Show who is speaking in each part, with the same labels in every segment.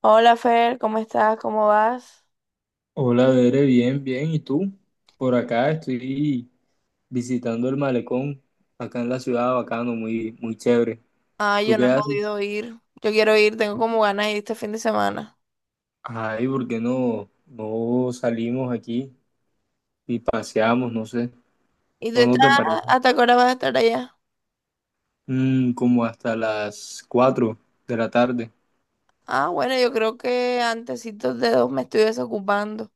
Speaker 1: Hola Fer, ¿cómo estás? ¿Cómo vas?
Speaker 2: Hola, Bere, bien, bien. ¿Y tú? Por acá estoy visitando el malecón, acá en la ciudad, bacano, muy, muy chévere.
Speaker 1: Ay,
Speaker 2: ¿Tú
Speaker 1: yo no
Speaker 2: qué
Speaker 1: he
Speaker 2: haces?
Speaker 1: podido ir. Yo quiero ir, tengo como ganas de ir este fin de semana.
Speaker 2: Ay, ¿por qué no salimos aquí y paseamos? No sé,
Speaker 1: ¿Y tú
Speaker 2: ¿no
Speaker 1: estás?
Speaker 2: te parece?
Speaker 1: ¿Hasta qué hora vas a estar allá?
Speaker 2: Como hasta las 4 de la tarde.
Speaker 1: Ah, bueno, yo creo que antesitos de 2 me estoy desocupando.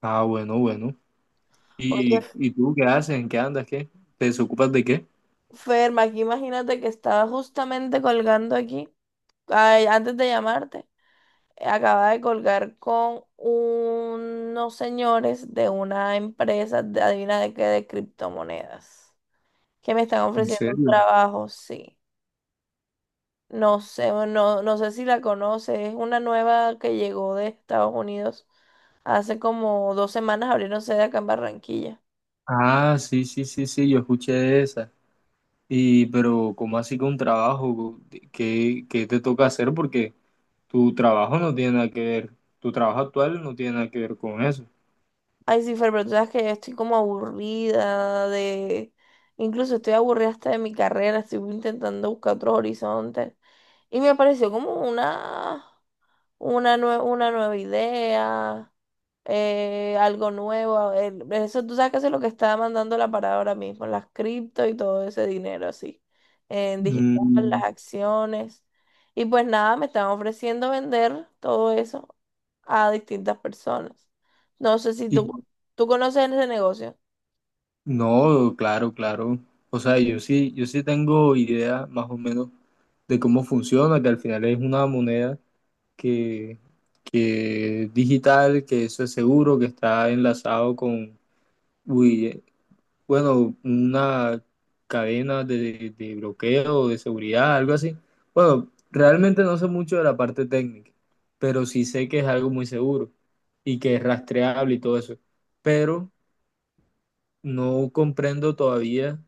Speaker 2: Ah, bueno, bueno. ¿Y,
Speaker 1: Oye,
Speaker 2: y tú qué haces? ¿En qué andas? ¿Qué? ¿Te desocupas de qué?
Speaker 1: Fer, aquí imagínate que estaba justamente colgando aquí, ay, antes de llamarte, acaba de colgar con unos señores de una empresa, adivina de qué, de criptomonedas, que me están
Speaker 2: ¿En
Speaker 1: ofreciendo un
Speaker 2: serio?
Speaker 1: trabajo, sí. No sé, no, no sé si la conoces. Es una nueva que llegó de Estados Unidos. Hace como 2 semanas abrieron sede acá en Barranquilla.
Speaker 2: Ah, sí, sí, sí, sí, yo escuché esa. Y, pero, ¿cómo así con trabajo? ¿Qué te toca hacer? Porque tu trabajo no tiene nada que ver, tu trabajo actual no tiene nada que ver con eso.
Speaker 1: Ay, sí, Fer, pero tú sabes que estoy como aburrida de. Incluso estoy aburrida hasta de mi carrera. Estoy intentando buscar otros horizontes. Y me pareció como una una nueva idea, algo nuevo. El- eso tú sabes que eso es lo que está mandando la parada ahora mismo, las cripto y todo ese dinero así, en digital, las
Speaker 2: Mm,
Speaker 1: acciones. Y pues nada, me están ofreciendo vender todo eso a distintas personas. No sé si tú,
Speaker 2: y
Speaker 1: tú conoces ese negocio.
Speaker 2: no, claro, claro. O sea, yo sí, yo sí tengo idea más o menos de cómo funciona, que al final es una moneda que, que es digital, que eso es seguro, que está enlazado con, uy, bueno, una cadena de bloqueo, de seguridad, algo así. Bueno, realmente no sé mucho de la parte técnica, pero sí sé que es algo muy seguro y que es rastreable y todo eso. Pero no comprendo todavía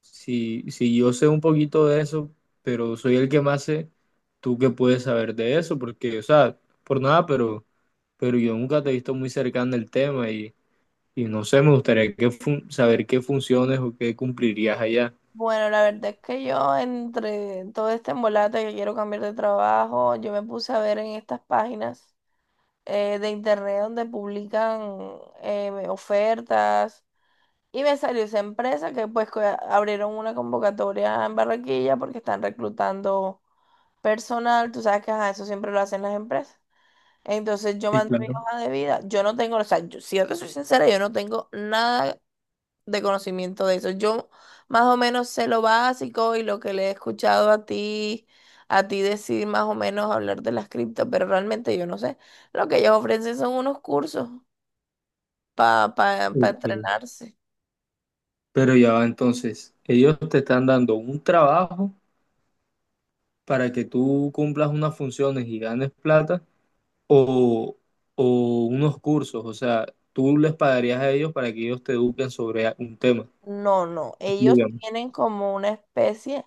Speaker 2: si yo sé un poquito de eso, pero soy el que más sé, tú que puedes saber de eso, porque, o sea, por nada, pero yo nunca te he visto muy cercano al tema y no sé, me gustaría que saber qué funciones o qué cumplirías allá.
Speaker 1: Bueno, la verdad es que yo, entre todo este embolate que quiero cambiar de trabajo, yo me puse a ver en estas páginas de internet donde publican ofertas. Y me salió esa empresa que pues abrieron una convocatoria en Barranquilla porque están reclutando personal. Tú sabes que ajá, eso siempre lo hacen las empresas. Entonces yo
Speaker 2: Sí,
Speaker 1: mandé mi
Speaker 2: claro.
Speaker 1: hoja de vida. Yo no tengo, o sea, si yo te soy sincera, yo no tengo nada de conocimiento de eso. Yo más o menos sé lo básico y lo que le he escuchado a ti, decir, más o menos, hablar de las cripto, pero realmente yo no sé. Lo que ellos ofrecen son unos cursos para
Speaker 2: Ok.
Speaker 1: entrenarse.
Speaker 2: Pero ya va entonces, ellos te están dando un trabajo para que tú cumplas unas funciones y ganes plata o, o unos cursos, o sea, tú les pagarías a ellos para que ellos te eduquen sobre un tema,
Speaker 1: No, no, ellos
Speaker 2: digamos.
Speaker 1: tienen como una especie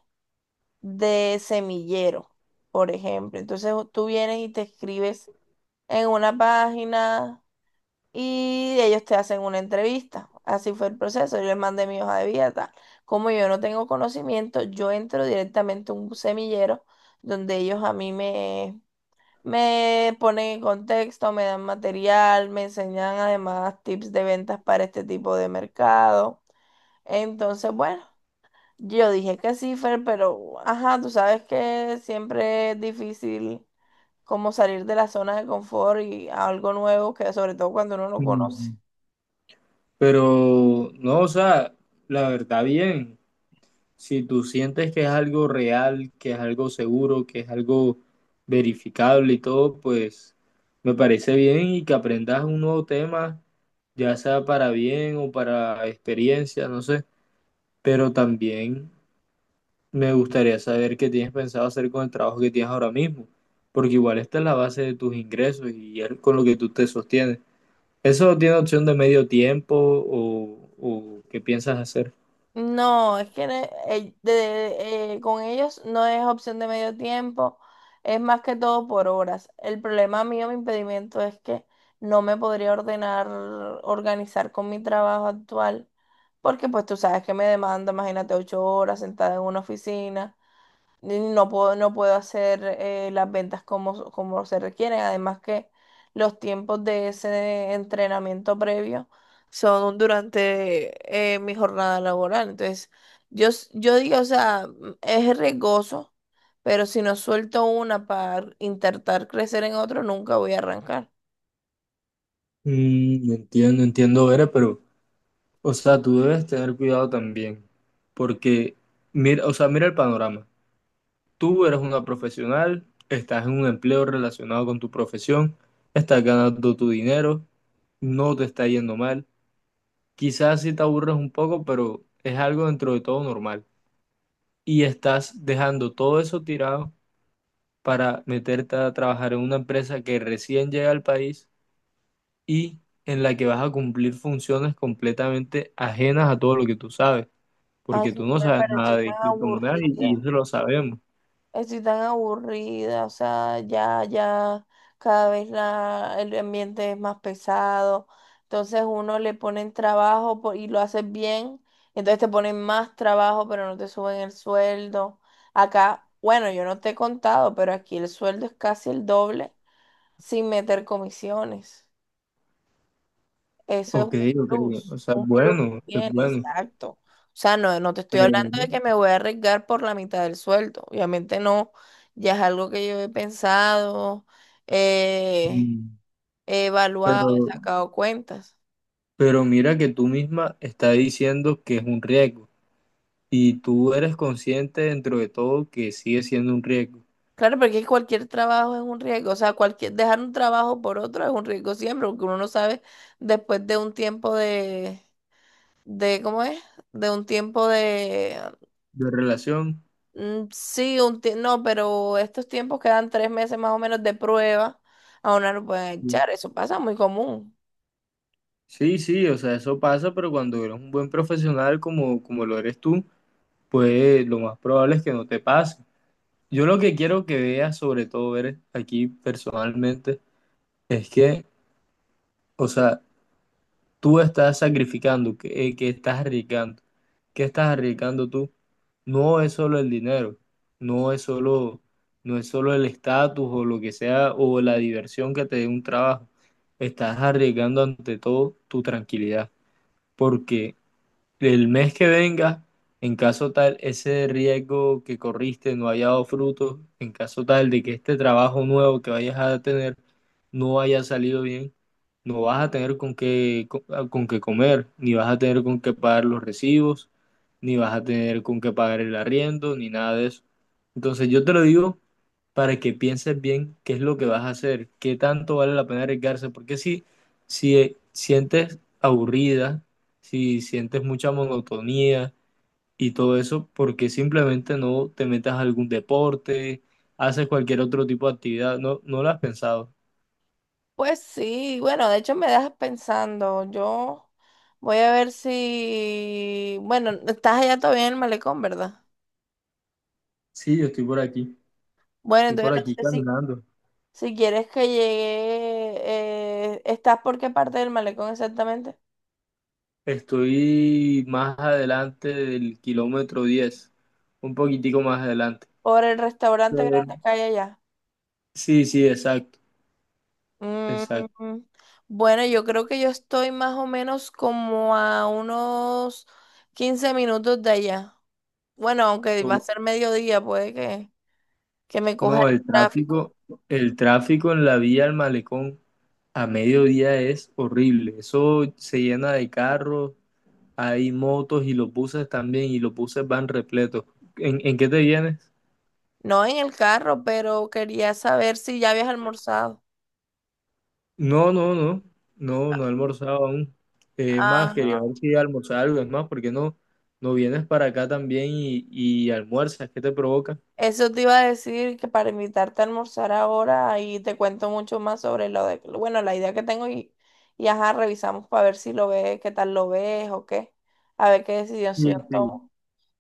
Speaker 1: de semillero, por ejemplo. Entonces tú vienes y te escribes en una página, y ellos te hacen una entrevista. Así fue el proceso. Yo les mandé mi hoja de vida, tal. Como yo no tengo conocimiento, yo entro directamente a un semillero donde ellos a mí me ponen en contexto, me dan material, me enseñan además tips de ventas para este tipo de mercado. Entonces, bueno, yo dije que sí, Fer, pero ajá, tú sabes que siempre es difícil como salir de la zona de confort y a algo nuevo, que sobre todo cuando uno no conoce.
Speaker 2: Mm, Pero no, o sea, la verdad bien. Si tú sientes que es algo real, que es algo seguro, que es algo verificable y todo, pues me parece bien y que aprendas un nuevo tema, ya sea para bien o para experiencia, no sé. Pero también me gustaría saber qué tienes pensado hacer con el trabajo que tienes ahora mismo, porque igual esta es la base de tus ingresos y es con lo que tú te sostienes. ¿Eso no tiene opción de medio tiempo o qué piensas hacer?
Speaker 1: No, es que con ellos no es opción de medio tiempo, es más que todo por horas. El problema mío, mi impedimento, es que no me podría ordenar, organizar con mi trabajo actual, porque pues tú sabes que me demanda, imagínate, 8 horas sentada en una oficina. No puedo hacer, las ventas, como se requieren. Además que los tiempos de ese entrenamiento previo son durante mi jornada laboral. Entonces, yo digo, o sea, es riesgoso, pero si no suelto una para intentar crecer en otro, nunca voy a arrancar.
Speaker 2: Entiendo, entiendo, Vera, pero... O sea, tú debes tener cuidado también, porque mira, o sea, mira el panorama. Tú eres una profesional, estás en un empleo relacionado con tu profesión, estás ganando tu dinero, no te está yendo mal. Quizás sí te aburres un poco, pero es algo dentro de todo normal. Y estás dejando todo eso tirado para meterte a trabajar en una empresa que recién llega al país y en la que vas a cumplir funciones completamente ajenas a todo lo que tú sabes,
Speaker 1: Ay,
Speaker 2: porque
Speaker 1: sí,
Speaker 2: tú no
Speaker 1: me
Speaker 2: sabes nada
Speaker 1: parece
Speaker 2: de
Speaker 1: tan
Speaker 2: criptomonedas y,
Speaker 1: aburrida.
Speaker 2: y eso lo sabemos.
Speaker 1: Estoy tan aburrida, o sea, ya, ya cada vez el ambiente es más pesado. Entonces uno, le ponen trabajo y lo haces bien, entonces te ponen más trabajo, pero no te suben el sueldo. Acá, bueno, yo no te he contado, pero aquí el sueldo es casi el doble sin meter comisiones. Eso es
Speaker 2: Ok,
Speaker 1: un
Speaker 2: ok, o
Speaker 1: plus,
Speaker 2: sea,
Speaker 1: un plus que
Speaker 2: bueno, es
Speaker 1: tiene,
Speaker 2: bueno.
Speaker 1: exacto. O sea, no, no te estoy
Speaker 2: Pero,
Speaker 1: hablando de que me voy a arriesgar por la mitad del sueldo. Obviamente no, ya es algo que yo he pensado, eh,
Speaker 2: mm,
Speaker 1: he evaluado, he
Speaker 2: pero,
Speaker 1: sacado cuentas.
Speaker 2: pero mira que tú misma estás diciendo que es un riesgo y tú eres consciente dentro de todo que sigue siendo un riesgo
Speaker 1: Claro, porque cualquier trabajo es un riesgo. O sea, cualquier, dejar un trabajo por otro es un riesgo siempre, porque uno no sabe después de un tiempo de, ¿cómo es? De un tiempo de.
Speaker 2: de relación.
Speaker 1: Mm, sí, no, pero estos tiempos quedan 3 meses más o menos de prueba. A una lo pueden
Speaker 2: Sí,
Speaker 1: echar, eso pasa muy común.
Speaker 2: sí, sí, o sea, eso pasa, pero cuando eres un buen profesional como, como lo eres tú, pues lo más probable es que no te pase. Yo lo que quiero que veas, sobre todo ver aquí personalmente, es que, o sea, tú estás sacrificando, que estás arriesgando. ¿Qué estás arriesgando tú? No es solo el dinero, no es solo, no es solo el estatus o lo que sea, o la diversión que te dé un trabajo. Estás arriesgando ante todo tu tranquilidad, porque el mes que venga, en caso tal, ese riesgo que corriste no haya dado fruto, en caso tal de que este trabajo nuevo que vayas a tener no haya salido bien, no vas a tener con qué comer, ni vas a tener con qué pagar los recibos, ni vas a tener con qué pagar el arriendo, ni nada de eso. Entonces yo te lo digo para que pienses bien qué es lo que vas a hacer, qué tanto vale la pena arriesgarse, porque si, si sientes aburrida, si sientes mucha monotonía y todo eso, porque simplemente no te metas a algún deporte, ¿haces cualquier otro tipo de actividad? ¿No lo has pensado?
Speaker 1: Pues sí, bueno, de hecho me dejas pensando. Yo voy a ver si, bueno, estás allá todavía en el malecón, ¿verdad?
Speaker 2: Sí, yo
Speaker 1: Bueno,
Speaker 2: estoy por
Speaker 1: entonces no
Speaker 2: aquí
Speaker 1: sé si,
Speaker 2: caminando.
Speaker 1: si quieres que llegue, ¿estás por qué parte del malecón exactamente?
Speaker 2: Estoy más adelante del kilómetro 10, un poquitico más adelante.
Speaker 1: Por el restaurante
Speaker 2: Pero-
Speaker 1: grande que hay allá.
Speaker 2: sí, sí, exacto,
Speaker 1: Mm,
Speaker 2: exacto.
Speaker 1: bueno, yo creo que yo estoy más o menos como a unos 15 minutos de allá. Bueno, aunque va a
Speaker 2: Oh,
Speaker 1: ser mediodía, puede que me coja
Speaker 2: no,
Speaker 1: el tráfico.
Speaker 2: el tráfico en la vía al Malecón a mediodía es horrible. Eso se llena de carros, hay motos y los buses también, y los buses van repletos. ¿En qué te vienes?
Speaker 1: No en el carro, pero quería saber si ya habías almorzado.
Speaker 2: No, no, no, no, no he almorzado aún. Es más, quería
Speaker 1: Ajá.
Speaker 2: ver si almorzaba algo, es más, ¿porque no, no vienes para acá también y almuerzas? ¿Qué te provoca?
Speaker 1: Eso te iba a decir, que para invitarte a almorzar ahora y te cuento mucho más sobre lo de, bueno, la idea que tengo y ajá, revisamos para ver si lo ves, qué tal lo ves o qué, a ver qué decisión
Speaker 2: Sí,
Speaker 1: tomo.
Speaker 2: sí.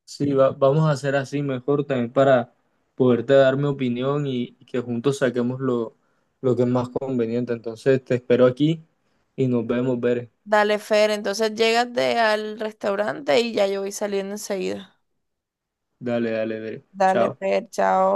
Speaker 2: Sí, vamos a hacer así mejor también para poderte dar mi opinión y que juntos saquemos lo que es más conveniente. Entonces, te espero aquí y nos vemos, Bere.
Speaker 1: Dale, Fer, entonces llégate al restaurante y ya yo voy saliendo enseguida.
Speaker 2: Dale, dale, Bere.
Speaker 1: Dale,
Speaker 2: Chao.
Speaker 1: Fer, chao.